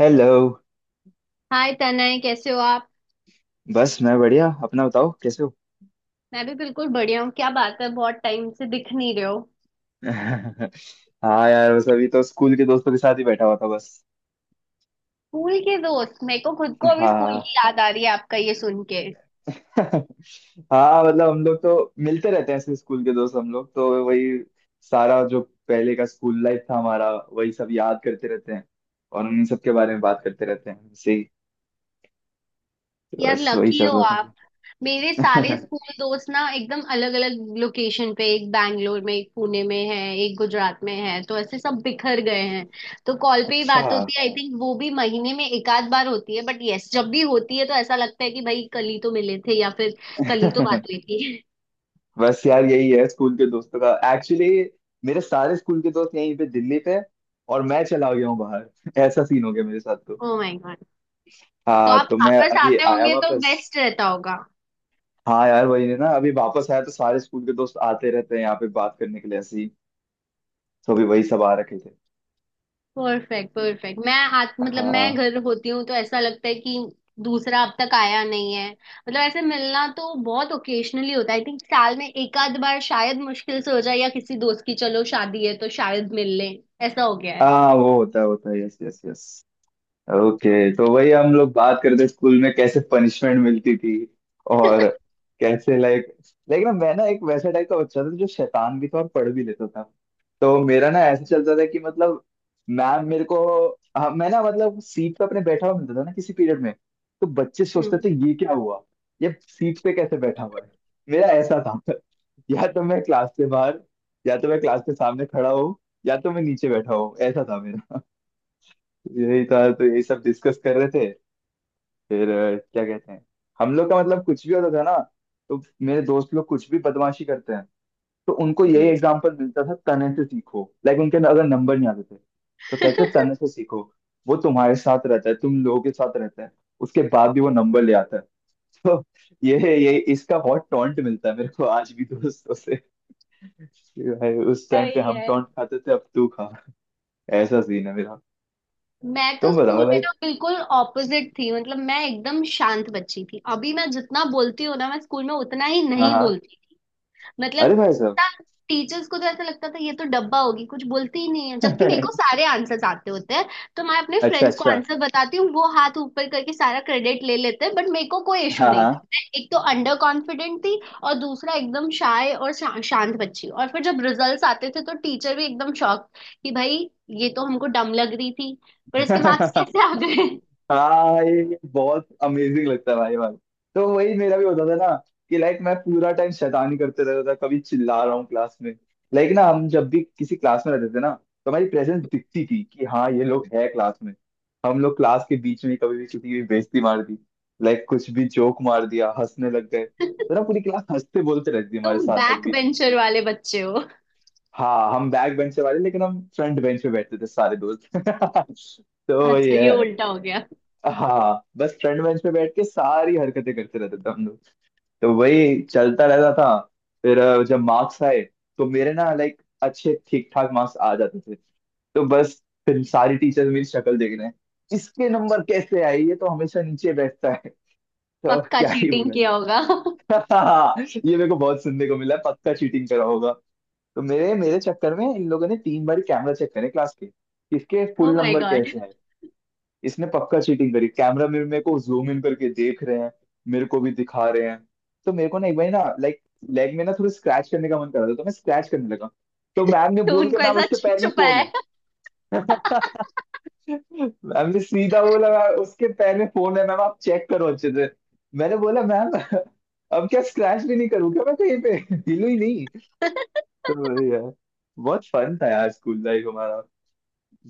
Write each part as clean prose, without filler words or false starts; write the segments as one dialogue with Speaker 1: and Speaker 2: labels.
Speaker 1: Hello.
Speaker 2: Hi Tanay, कैसे हो आप।
Speaker 1: बस मैं बढ़िया, अपना बताओ कैसे हो।
Speaker 2: मैं भी बिल्कुल बढ़िया हूँ। क्या बात है, बहुत टाइम से दिख नहीं रहे हो।
Speaker 1: हाँ यार, बस अभी तो स्कूल के दोस्तों के साथ ही बैठा हुआ था बस।
Speaker 2: स्कूल के दोस्त? मेरे को खुद को अभी स्कूल की
Speaker 1: हाँ।
Speaker 2: याद आ रही है आपका ये सुन के।
Speaker 1: हाँ मतलब हम लोग तो मिलते रहते हैं ऐसे, स्कूल के दोस्त हम लोग तो वही सारा जो पहले का स्कूल लाइफ था हमारा वही सब याद करते रहते हैं और उन सब के बारे में बात करते रहते हैं ऐसे ही। तो
Speaker 2: यार
Speaker 1: बस वही
Speaker 2: लकी
Speaker 1: चल
Speaker 2: हो
Speaker 1: रहा
Speaker 2: आप। मेरे सारे
Speaker 1: था।
Speaker 2: स्कूल दोस्त ना एकदम अलग अलग लोकेशन पे, एक बैंगलोर में, एक पुणे में है, एक गुजरात में है, तो ऐसे सब बिखर गए हैं। तो कॉल पे ही बात
Speaker 1: अच्छा।
Speaker 2: होती है, आई थिंक वो भी महीने में एक आध बार होती है, बट यस जब भी होती है तो ऐसा लगता है कि भाई कल ही तो मिले थे, या फिर कल ही तो बात हुई थी।
Speaker 1: बस यार यही है स्कूल के दोस्तों का एक्चुअली। मेरे सारे स्कूल के दोस्त यहीं पे दिल्ली पे और मैं चला गया हूँ बाहर। ऐसा सीन हो गया मेरे साथ तो।
Speaker 2: ओ माय गॉड। तो
Speaker 1: हाँ
Speaker 2: आप
Speaker 1: तो मैं
Speaker 2: वापस
Speaker 1: अभी
Speaker 2: आते
Speaker 1: आया
Speaker 2: होंगे तो
Speaker 1: वापस।
Speaker 2: बेस्ट रहता होगा।
Speaker 1: हाँ यार वही है ना, अभी वापस आया तो सारे स्कूल के दोस्त आते रहते हैं यहाँ पे बात करने के लिए ऐसे ही। तो अभी वही सब आ रखे थे।
Speaker 2: Perfect perfect. मैं मतलब मैं
Speaker 1: हाँ
Speaker 2: घर होती हूँ तो ऐसा लगता है कि दूसरा अब तक आया नहीं है। मतलब ऐसे मिलना तो बहुत ओकेजनली होता है, आई थिंक साल में एक आध बार शायद मुश्किल से हो जाए, या किसी दोस्त की चलो शादी है तो शायद मिल ले। ऐसा हो गया है।
Speaker 1: हाँ वो होता है होता है, यस यस यस। ओके। तो वही हम लोग बात करते थे स्कूल में कैसे पनिशमेंट मिलती थी और कैसे, लाइक, लेकिन मैं ना एक वैसा टाइप का बच्चा था जो शैतान भी था और पढ़ भी लेता था। तो मेरा ना ऐसे चलता था कि मतलब मैम मेरे को हाँ, मैं ना मतलब सीट पे अपने बैठा हुआ मिलता था ना किसी पीरियड में। तो बच्चे सोचते
Speaker 2: हम्म।
Speaker 1: थे ये क्या हुआ, ये सीट पे कैसे बैठा हुआ है। मेरा ऐसा था। या तो मैं क्लास से बाहर, या तो मैं क्लास के सामने खड़ा हूँ, या तो मैं नीचे बैठा हूँ, ऐसा था मेरा। यही था तो यही सब डिस्कस कर रहे थे। फिर क्या कहते हैं, हम लोग का मतलब कुछ भी होता था ना। तो मेरे दोस्त लोग कुछ भी बदमाशी करते हैं तो उनको यही
Speaker 2: हम्म।
Speaker 1: एग्जाम्पल मिलता था, तने से सीखो। लाइक उनके अगर नंबर नहीं आते थे तो कहते तने से सीखो, वो तुम्हारे साथ रहता है, तुम लोगों के साथ रहता है, उसके बाद भी वो नंबर ले आता है। तो ये ये इसका बहुत टॉन्ट मिलता है मेरे को आज भी दोस्तों से, कि भाई उस टाइम पे
Speaker 2: सही
Speaker 1: हम
Speaker 2: है।
Speaker 1: टॉन्ट खाते थे अब तू खा। ऐसा सीन है मेरा।
Speaker 2: मैं तो
Speaker 1: तुम बताओ
Speaker 2: स्कूल में ना
Speaker 1: लाइक।
Speaker 2: बिल्कुल ऑपोजिट थी। मतलब मैं एकदम शांत बच्ची थी। अभी मैं जितना बोलती हूँ ना, मैं स्कूल में उतना ही
Speaker 1: हाँ
Speaker 2: नहीं
Speaker 1: हाँ।
Speaker 2: बोलती।
Speaker 1: अरे
Speaker 2: मतलब
Speaker 1: भाई
Speaker 2: टीचर्स को तो ऐसा लगता था ये तो डब्बा होगी, कुछ बोलती ही नहीं है, जबकि मेरे को
Speaker 1: साहब।
Speaker 2: सारे आंसर्स आते होते हैं। तो मैं अपने
Speaker 1: अच्छा
Speaker 2: फ्रेंड्स को
Speaker 1: अच्छा।
Speaker 2: आंसर बताती हूँ, वो हाथ ऊपर करके सारा क्रेडिट ले लेते हैं, बट मेरे को कोई इशू
Speaker 1: हाँ
Speaker 2: नहीं था।
Speaker 1: हाँ।
Speaker 2: मैं एक तो अंडर कॉन्फिडेंट थी, और दूसरा एकदम शाय, और शांत बच्ची। और फिर जब रिजल्ट्स आते थे तो टीचर भी एकदम शॉक कि भाई ये तो हमको डम लग रही थी, पर इसके मार्क्स कैसे आ गए।
Speaker 1: हाँ ये बहुत अमेजिंग लगता है भाई भाई। तो वही मेरा भी होता था ना कि लाइक मैं पूरा टाइम शैतानी करते रहता था, कभी चिल्ला रहा हूँ क्लास में। लाइक ना हम जब भी किसी क्लास में रहते थे ना, तो हमारी प्रेजेंस दिखती थी कि हाँ ये लोग है क्लास में। हम लोग क्लास के बीच में कभी भी किसी की भी बेइज्जती मार दी, लाइक कुछ भी जोक मार दिया, हंसने लग गए, तो ना पूरी क्लास हंसते बोलते रहती थी हमारे
Speaker 2: तुम
Speaker 1: साथ जब
Speaker 2: बैक
Speaker 1: भी थी।
Speaker 2: बेंचर वाले बच्चे हो?
Speaker 1: हाँ हम बैक बेंच से वाले लेकिन हम फ्रंट बेंच पे बैठते थे सारे दोस्त। तो
Speaker 2: अच्छा,
Speaker 1: ये
Speaker 2: ये
Speaker 1: है।
Speaker 2: उल्टा हो गया।
Speaker 1: हाँ बस फ्रंट बेंच पे बैठ के सारी हरकतें करते रहते थे हम लोग। तो वही चलता रहता था। फिर जब मार्क्स आए तो मेरे ना लाइक अच्छे ठीक ठाक मार्क्स आ जाते थे। तो बस फिर सारी टीचर्स मेरी शक्ल देख रहे हैं, इसके नंबर कैसे आए, ये तो हमेशा नीचे बैठता है। तो अब
Speaker 2: पक्का
Speaker 1: क्या ही
Speaker 2: चीटिंग
Speaker 1: बोला।
Speaker 2: किया होगा।
Speaker 1: ये मेरे को बहुत सुनने को मिला है, पक्का चीटिंग करा होगा। तो मेरे मेरे चक्कर में इन लोगों ने 3 बार कैमरा चेक करे क्लास के, किसके
Speaker 2: oh
Speaker 1: full
Speaker 2: my
Speaker 1: number
Speaker 2: god.
Speaker 1: कैसे हैं। इसने पक्का चीटिंग करी, कैमरा में मेरे को जूम इन करके देख रहे हैं, मेरे को भी दिखा रहे हैं। तो मेरे को ना एक बार ना लाइक लेग में ना थोड़ी स्क्रैच करने का मन कर रहा था, तो मैं स्क्रैच करने लगा। तो मैम ने
Speaker 2: तो
Speaker 1: बोल के
Speaker 2: उनको
Speaker 1: मैम
Speaker 2: ऐसा
Speaker 1: उसके
Speaker 2: छिप
Speaker 1: पैर में फोन
Speaker 2: छुपाया
Speaker 1: है।
Speaker 2: है।
Speaker 1: मैम ने सीधा बोला, मैम उसके पैर में फोन है मैम, आप चेक करो अच्छे से। मैंने बोला मैम अब क्या स्क्रैच भी नहीं करूँ क्या, मैं कहीं पे हिलू ही नहीं। तो वही यार, बहुत फन था यार स्कूल लाइफ हमारा।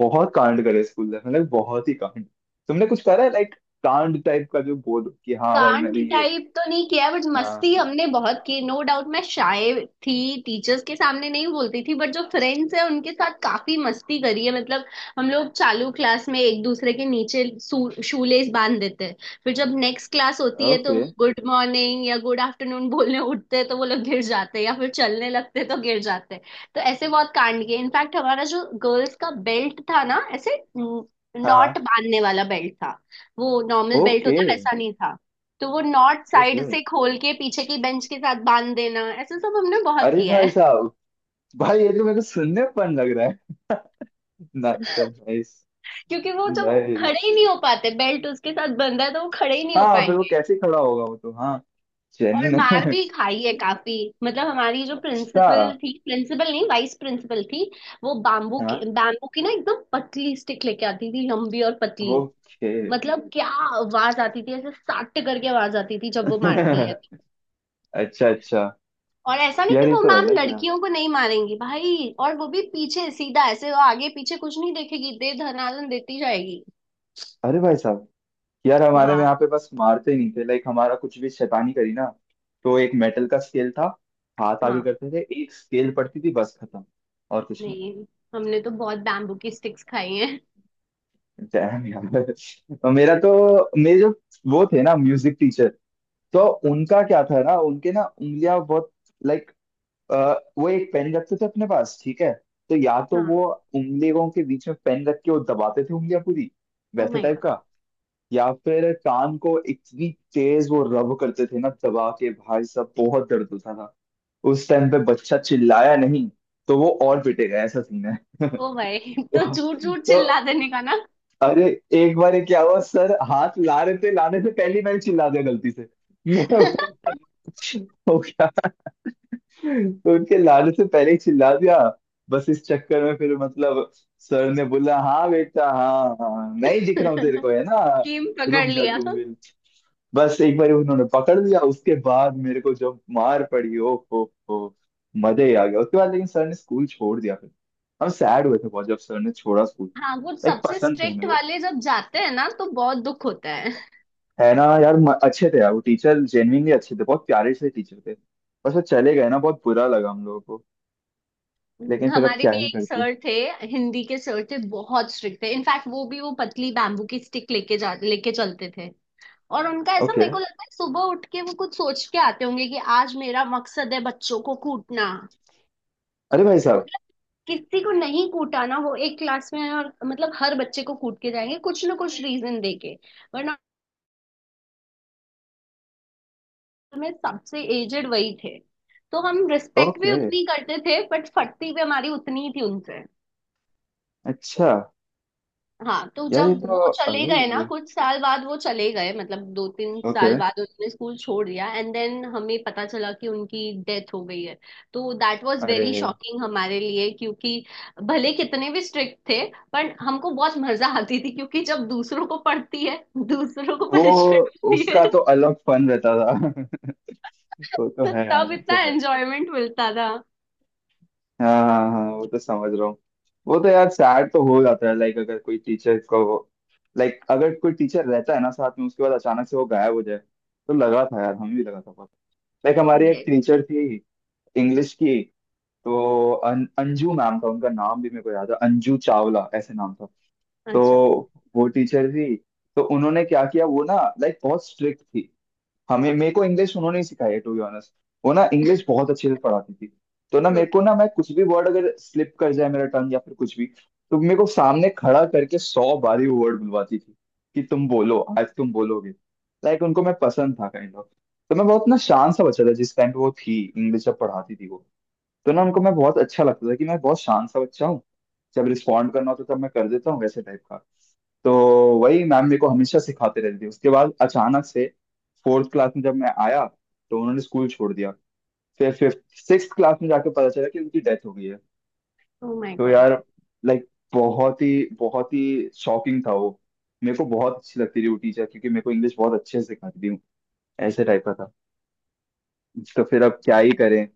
Speaker 1: बहुत कांड करे स्कूल लाइफ, मतलब बहुत ही कांड। तुमने कुछ करा है लाइक कांड टाइप का, जो बोल कि हाँ भाई
Speaker 2: कांड
Speaker 1: मैंने ये।
Speaker 2: टाइप तो नहीं किया, बट
Speaker 1: हाँ।
Speaker 2: मस्ती हमने बहुत की, नो डाउट। मैं शाय थी, टीचर्स के सामने नहीं बोलती थी, बट जो फ्रेंड्स है उनके साथ काफी मस्ती करी है। मतलब हम लोग चालू क्लास में एक दूसरे के नीचे शूलेस बांध देते हैं, फिर जब नेक्स्ट क्लास होती है तो
Speaker 1: ओके।
Speaker 2: वो गुड मॉर्निंग या गुड आफ्टरनून बोलने उठते हैं तो वो लोग गिर जाते हैं, या फिर चलने लगते हैं तो गिर जाते हैं। तो ऐसे बहुत कांड किए। इनफैक्ट हमारा जो गर्ल्स का बेल्ट था ना, ऐसे
Speaker 1: हाँ
Speaker 2: नॉट
Speaker 1: हाँ।
Speaker 2: बांधने वाला बेल्ट था। वो नॉर्मल बेल्ट
Speaker 1: ओके।
Speaker 2: होता है, वैसा नहीं था। तो वो नॉट साइड
Speaker 1: ओके।
Speaker 2: से खोल के पीछे की बेंच के साथ बांध देना, ऐसा सब हमने बहुत
Speaker 1: अरे
Speaker 2: किया
Speaker 1: भाई
Speaker 2: है।
Speaker 1: साहब। भाई ये तो मेरे को सुनने में fun लग रहा है। नाइस सर,
Speaker 2: क्योंकि वो जब
Speaker 1: नाइस।
Speaker 2: खड़े ही नहीं हो पाते, बेल्ट उसके साथ बंधा है तो वो खड़े ही नहीं हो
Speaker 1: हाँ फिर वो
Speaker 2: पाएंगे।
Speaker 1: कैसे खड़ा होगा वो, तो हाँ
Speaker 2: और
Speaker 1: जेन्युइन
Speaker 2: मार
Speaker 1: है।
Speaker 2: भी खाई है काफी। मतलब हमारी जो
Speaker 1: अच्छा।
Speaker 2: प्रिंसिपल थी, प्रिंसिपल नहीं वाइस प्रिंसिपल थी, वो बाम्बू के,
Speaker 1: हाँ
Speaker 2: बाम्बू की ना एकदम पतली स्टिक लेके आती थी, लंबी और पतली।
Speaker 1: ओके।
Speaker 2: मतलब क्या आवाज आती थी ऐसे, सट करके आवाज आती थी जब वो मारती है।
Speaker 1: अच्छा अच्छा।
Speaker 2: और ऐसा नहीं
Speaker 1: यार
Speaker 2: कि
Speaker 1: ये
Speaker 2: वो
Speaker 1: तो
Speaker 2: मैम
Speaker 1: अलग ही यार।
Speaker 2: लड़कियों को नहीं मारेंगी भाई, और वो भी पीछे सीधा ऐसे, वो आगे पीछे कुछ नहीं देखेगी, दे धनादन देती जाएगी।
Speaker 1: अरे भाई साहब। यार हमारे में
Speaker 2: हाँ,
Speaker 1: यहाँ पे बस मारते ही नहीं थे, लाइक हमारा कुछ भी शैतानी करी ना, तो एक मेटल का स्केल था, हाथ आगे
Speaker 2: हाँ।
Speaker 1: करते थे, एक स्केल पड़ती थी बस खत्म, और कुछ नहीं।
Speaker 2: नहीं, हमने तो बहुत बैम्बू की स्टिक्स खाई हैं।
Speaker 1: Damn यार। और मेरा तो मेरे जो वो थे ना म्यूजिक टीचर, तो उनका क्या था ना उनके ना उंगलियां बहुत, लाइक अ, वो एक पेन रखते थे अपने पास ठीक है। तो या तो
Speaker 2: हाँ।
Speaker 1: वो उंगलियों के बीच में पेन रख के वो दबाते थे उंगलियां पूरी,
Speaker 2: ओ
Speaker 1: वैसे
Speaker 2: माय
Speaker 1: टाइप
Speaker 2: गॉड।
Speaker 1: का। या फिर कान को इतनी तेज वो रब करते थे ना दबा के, भाई साहब बहुत दर्द होता था। उस टाइम पे बच्चा चिल्लाया नहीं तो वो और पिटेगा, ऐसा सीन है।
Speaker 2: ओ भाई। तो
Speaker 1: तो,
Speaker 2: झूठ झूठ
Speaker 1: तो
Speaker 2: चिल्ला देने का ना।
Speaker 1: अरे एक बार ये क्या हुआ, सर हाथ ला रहे थे, लाने से पहले ही मैंने चिल्ला दिया गलती से। मेरा हो गया। तो उनके लाने से पहले ही चिल्ला दिया। बस इस चक्कर में फिर मतलब सर ने बोला, हाँ बेटा हाँ हाँ मैं ही दिख रहा हूँ तेरे को है ना,
Speaker 2: स्कीम पकड़
Speaker 1: रुक जा
Speaker 2: लिया।
Speaker 1: तू भी। बस एक बार उन्होंने पकड़ लिया, उसके बाद मेरे को जब मार पड़ी ओ हो, मजे ही आ गया। उसके बाद लेकिन सर ने स्कूल छोड़ दिया फिर। हम सैड हुए थे बहुत जब सर ने छोड़ा स्कूल।
Speaker 2: हाँ, वो
Speaker 1: लाइक
Speaker 2: सबसे
Speaker 1: पसंद थे हमें
Speaker 2: स्ट्रिक्ट
Speaker 1: वो।
Speaker 2: वाले जब जाते हैं ना तो बहुत दुख होता है।
Speaker 1: है ना यार, अच्छे थे यार वो टीचर, जेन्युइनली अच्छे थे, बहुत प्यारे से टीचर थे। बस वो चले गए ना, बहुत बुरा लगा हम लोगों को। लेकिन फिर अब
Speaker 2: हमारे
Speaker 1: क्या
Speaker 2: भी
Speaker 1: ही
Speaker 2: एक
Speaker 1: करते।
Speaker 2: सर थे, हिंदी के सर थे, बहुत स्ट्रिक्ट थे। इनफैक्ट वो भी वो पतली बैम्बू की स्टिक लेके जा लेके चलते थे। और उनका ऐसा
Speaker 1: ओके।
Speaker 2: मेरे को लगता है, सुबह उठ के वो कुछ सोच के आते होंगे कि आज मेरा मकसद है बच्चों को कूटना।
Speaker 1: अरे भाई साहब।
Speaker 2: किसी को नहीं कूटा ना वो एक क्लास में है, और मतलब हर बच्चे को कूट के जाएंगे कुछ ना कुछ रीजन देके। वरना में सबसे एजेड वही थे, तो हम रिस्पेक्ट भी
Speaker 1: ओके।
Speaker 2: उतनी करते थे बट फटती भी हमारी उतनी ही थी उनसे।
Speaker 1: अच्छा।
Speaker 2: हाँ, तो
Speaker 1: यार ये
Speaker 2: जब
Speaker 1: तो
Speaker 2: वो चले
Speaker 1: अलग ही
Speaker 2: गए ना,
Speaker 1: भाई।
Speaker 2: कुछ साल बाद वो चले गए, मतलब दो तीन
Speaker 1: ओके।
Speaker 2: साल बाद उन्होंने स्कूल छोड़ दिया, एंड देन हमें पता चला कि उनकी डेथ हो गई है। तो दैट वाज
Speaker 1: अरे
Speaker 2: वेरी शॉकिंग हमारे लिए, क्योंकि भले कितने भी स्ट्रिक्ट थे, पर हमको बहुत मजा आती थी क्योंकि जब दूसरों को पड़ती है, दूसरों को
Speaker 1: वो,
Speaker 2: पनिशमेंट मिलती है।
Speaker 1: उसका तो अलग फन रहता था। वो तो
Speaker 2: तो
Speaker 1: है
Speaker 2: तब
Speaker 1: यार, वो
Speaker 2: इतना
Speaker 1: तो है।
Speaker 2: एंजॉयमेंट मिलता था।
Speaker 1: हाँ हाँ हाँ वो तो समझ रहा हूँ। वो तो यार सैड तो हो जाता है, लाइक अगर कोई टीचर को, लाइक अगर कोई टीचर रहता है ना साथ में, उसके बाद अचानक से वो गायब हो जाए तो लगा था यार, हमें भी लगा था बहुत। लाइक हमारी एक
Speaker 2: यस।
Speaker 1: टीचर थी इंग्लिश की। तो अंजू मैम था उनका, नाम भी मेरे को याद है, अंजू चावला ऐसे नाम था।
Speaker 2: अच्छा।
Speaker 1: तो वो टीचर थी, तो उन्होंने क्या किया वो ना, लाइक बहुत स्ट्रिक्ट थी। हमें मेरे को इंग्लिश उन्होंने ही सिखाई है टू बी ऑनेस्ट। वो ना इंग्लिश बहुत अच्छे से पढ़ाती थी। तो ना मेरे को ना,
Speaker 2: ओके।
Speaker 1: मैं कुछ भी वर्ड अगर स्लिप कर जाए मेरा टंग या फिर कुछ भी, तो मेरे को सामने खड़ा करके 100 बारी वो वर्ड बुलवाती थी, कि तुम बोलो आज तुम बोलोगे। लाइक उनको मैं पसंद था काइंड ऑफ। तो मैं बहुत ना शांत सा बच्चा था जिस टाइम पे वो थी, इंग्लिश जब पढ़ाती थी वो। तो ना उनको मैं बहुत अच्छा लगता था कि मैं बहुत शांत सा बच्चा हूँ, जब रिस्पॉन्ड करना होता है तब मैं कर देता हूँ, वैसे टाइप का। तो वही मैम मेरे को हमेशा सिखाते रहती थी, उसके बाद अचानक से फोर्थ क्लास में जब मैं आया, तो उन्होंने स्कूल छोड़ दिया। फिर फिफ्थ सिक्स क्लास में जाके पता चला कि उनकी डेथ हो गई है।
Speaker 2: ओ माय
Speaker 1: तो
Speaker 2: गॉड।
Speaker 1: यार, लाइक बहुत ही बहुत ही शॉकिंग था वो। मेरे को बहुत अच्छी लगती थी वो टीचर, क्योंकि मेरे को इंग्लिश बहुत अच्छे से सिखाती थी, ऐसे टाइप का था। तो फिर अब क्या ही करें।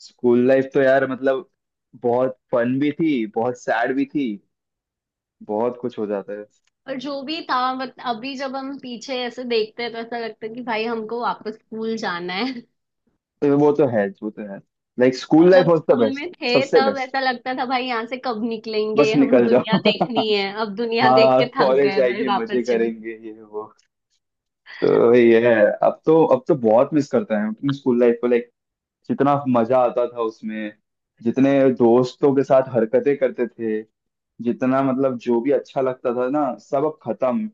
Speaker 1: स्कूल लाइफ तो यार मतलब बहुत फन भी थी बहुत सैड भी थी, बहुत कुछ हो जाता है।
Speaker 2: और जो भी था, बट अभी जब हम पीछे ऐसे देखते हैं तो ऐसा लगता है कि भाई हमको वापस स्कूल जाना है।
Speaker 1: तो वो तो है वो तो है, लाइक
Speaker 2: और
Speaker 1: स्कूल लाइफ
Speaker 2: जब
Speaker 1: वाज द
Speaker 2: स्कूल
Speaker 1: बेस्ट,
Speaker 2: में थे
Speaker 1: सबसे
Speaker 2: तब
Speaker 1: बेस्ट।
Speaker 2: ऐसा लगता था भाई यहाँ से कब निकलेंगे,
Speaker 1: बस
Speaker 2: हम
Speaker 1: निकल
Speaker 2: दुनिया
Speaker 1: जाओ।
Speaker 2: देखनी है। अब दुनिया देख के
Speaker 1: हाँ
Speaker 2: थक
Speaker 1: कॉलेज
Speaker 2: गए भाई,
Speaker 1: आएंगे मजे
Speaker 2: वापस चले।
Speaker 1: करेंगे ये वो। तो ये है। अब तो बहुत मिस करता है अपने स्कूल लाइफ को, लाइक जितना मजा आता था उसमें, जितने दोस्तों के साथ हरकतें करते थे, जितना मतलब जो भी अच्छा लगता था ना, सब अब खत्म।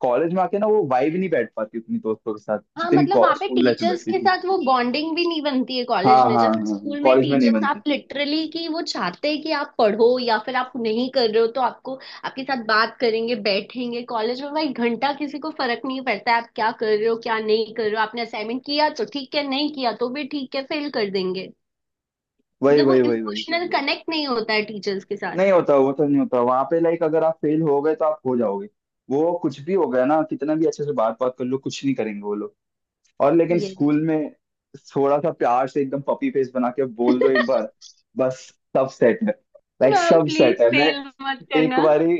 Speaker 1: कॉलेज में आके ना वो वाइब नहीं बैठ पाती उतनी दोस्तों के साथ
Speaker 2: हाँ,
Speaker 1: जितनी
Speaker 2: मतलब वहाँ पे
Speaker 1: स्कूल लाइफ में
Speaker 2: टीचर्स
Speaker 1: बैठती
Speaker 2: के
Speaker 1: थी।
Speaker 2: साथ वो बॉन्डिंग भी नहीं बनती है
Speaker 1: हाँ
Speaker 2: कॉलेज में।
Speaker 1: हाँ
Speaker 2: जैसे
Speaker 1: हाँ
Speaker 2: स्कूल में
Speaker 1: कॉलेज में नहीं
Speaker 2: टीचर्स आप
Speaker 1: बनती।
Speaker 2: लिटरली, कि वो चाहते हैं कि आप पढ़ो, या फिर आप नहीं कर रहे हो तो आपको, आपके साथ बात करेंगे, बैठेंगे। कॉलेज में भाई घंटा किसी को फर्क नहीं पड़ता है आप क्या कर रहे हो, क्या नहीं कर रहे हो। आपने असाइनमेंट किया तो ठीक है, नहीं किया तो भी ठीक है, फेल कर देंगे।
Speaker 1: वही
Speaker 2: मतलब वो
Speaker 1: वही वही वही।
Speaker 2: इमोशनल कनेक्ट नहीं होता है टीचर्स के साथ।
Speaker 1: नहीं होता वो तो नहीं होता वहां पे, लाइक अगर आप फेल हो गए तो आप हो जाओगे। वो कुछ भी हो गया ना, कितना भी अच्छे से बात बात कर लो, कुछ नहीं करेंगे वो लोग। और लेकिन
Speaker 2: ये।
Speaker 1: स्कूल में थोड़ा सा प्यार से एकदम पपी फेस बना के बोल दो एक बार, बस सब सेट है। लाइक
Speaker 2: मैम
Speaker 1: सब
Speaker 2: प्लीज
Speaker 1: सेट है। मैं
Speaker 2: फेल मत
Speaker 1: एक
Speaker 2: करना।
Speaker 1: बारी,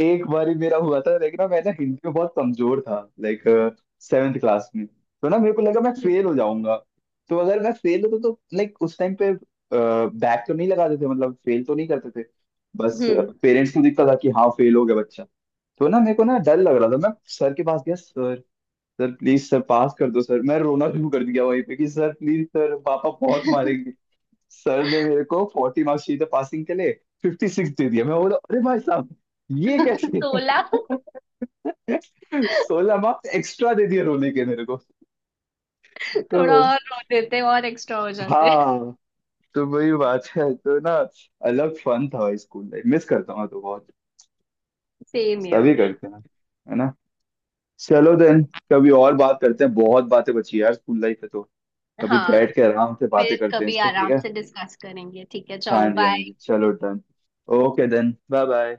Speaker 1: एक बारी मेरा हुआ था, लेकिन ना मैं ना हिंदी में बहुत कमजोर था लाइक। सेवेंथ क्लास में तो ना मेरे को लगा मैं फेल हो जाऊंगा। तो अगर मैं फेल होता तो लाइक उस टाइम पे बैक तो नहीं लगाते थे, मतलब फेल तो नहीं करते थे बस,
Speaker 2: हम्म।
Speaker 1: पेरेंट्स को दिखता था कि हाँ फेल हो गया बच्चा। तो ना मेरे को ना डर लग रहा था। मैं सर के पास गया, sir sir please sir pass कर दो सर, मैं रोना शुरू कर दिया वहीं पे कि सर प्लीज सर पापा बहुत मारेंगे। सर ने, मेरे को 40 मार्क्स चाहिए था पासिंग के लिए, 56 दे दिया। मैं बोला अरे भाई साहब ये कैसे।
Speaker 2: 16?
Speaker 1: 16 मार्क्स एक्स्ट्रा दे दिए रोने के मेरे को।
Speaker 2: थोड़ा
Speaker 1: तो
Speaker 2: और रो देते और एक्स्ट्रा हो जाते।
Speaker 1: हाँ, तो वही बात है तो ना, अलग फन था स्कूल लाइफ, मिस करता हूँ तो बहुत।
Speaker 2: सेम
Speaker 1: सभी
Speaker 2: ईयर।
Speaker 1: करते हैं, है ना। चलो देन, कभी और बात करते हैं, बहुत बातें बची यार स्कूल लाइफ है तो। कभी
Speaker 2: हाँ,
Speaker 1: बैठ के आराम से बातें
Speaker 2: फिर
Speaker 1: करते हैं
Speaker 2: कभी
Speaker 1: इस पे, ठीक
Speaker 2: आराम
Speaker 1: है।
Speaker 2: से डिस्कस करेंगे। ठीक है,
Speaker 1: हाँ
Speaker 2: चलो
Speaker 1: जी हाँ
Speaker 2: बाय।
Speaker 1: जी चलो done. Okay then bye bye.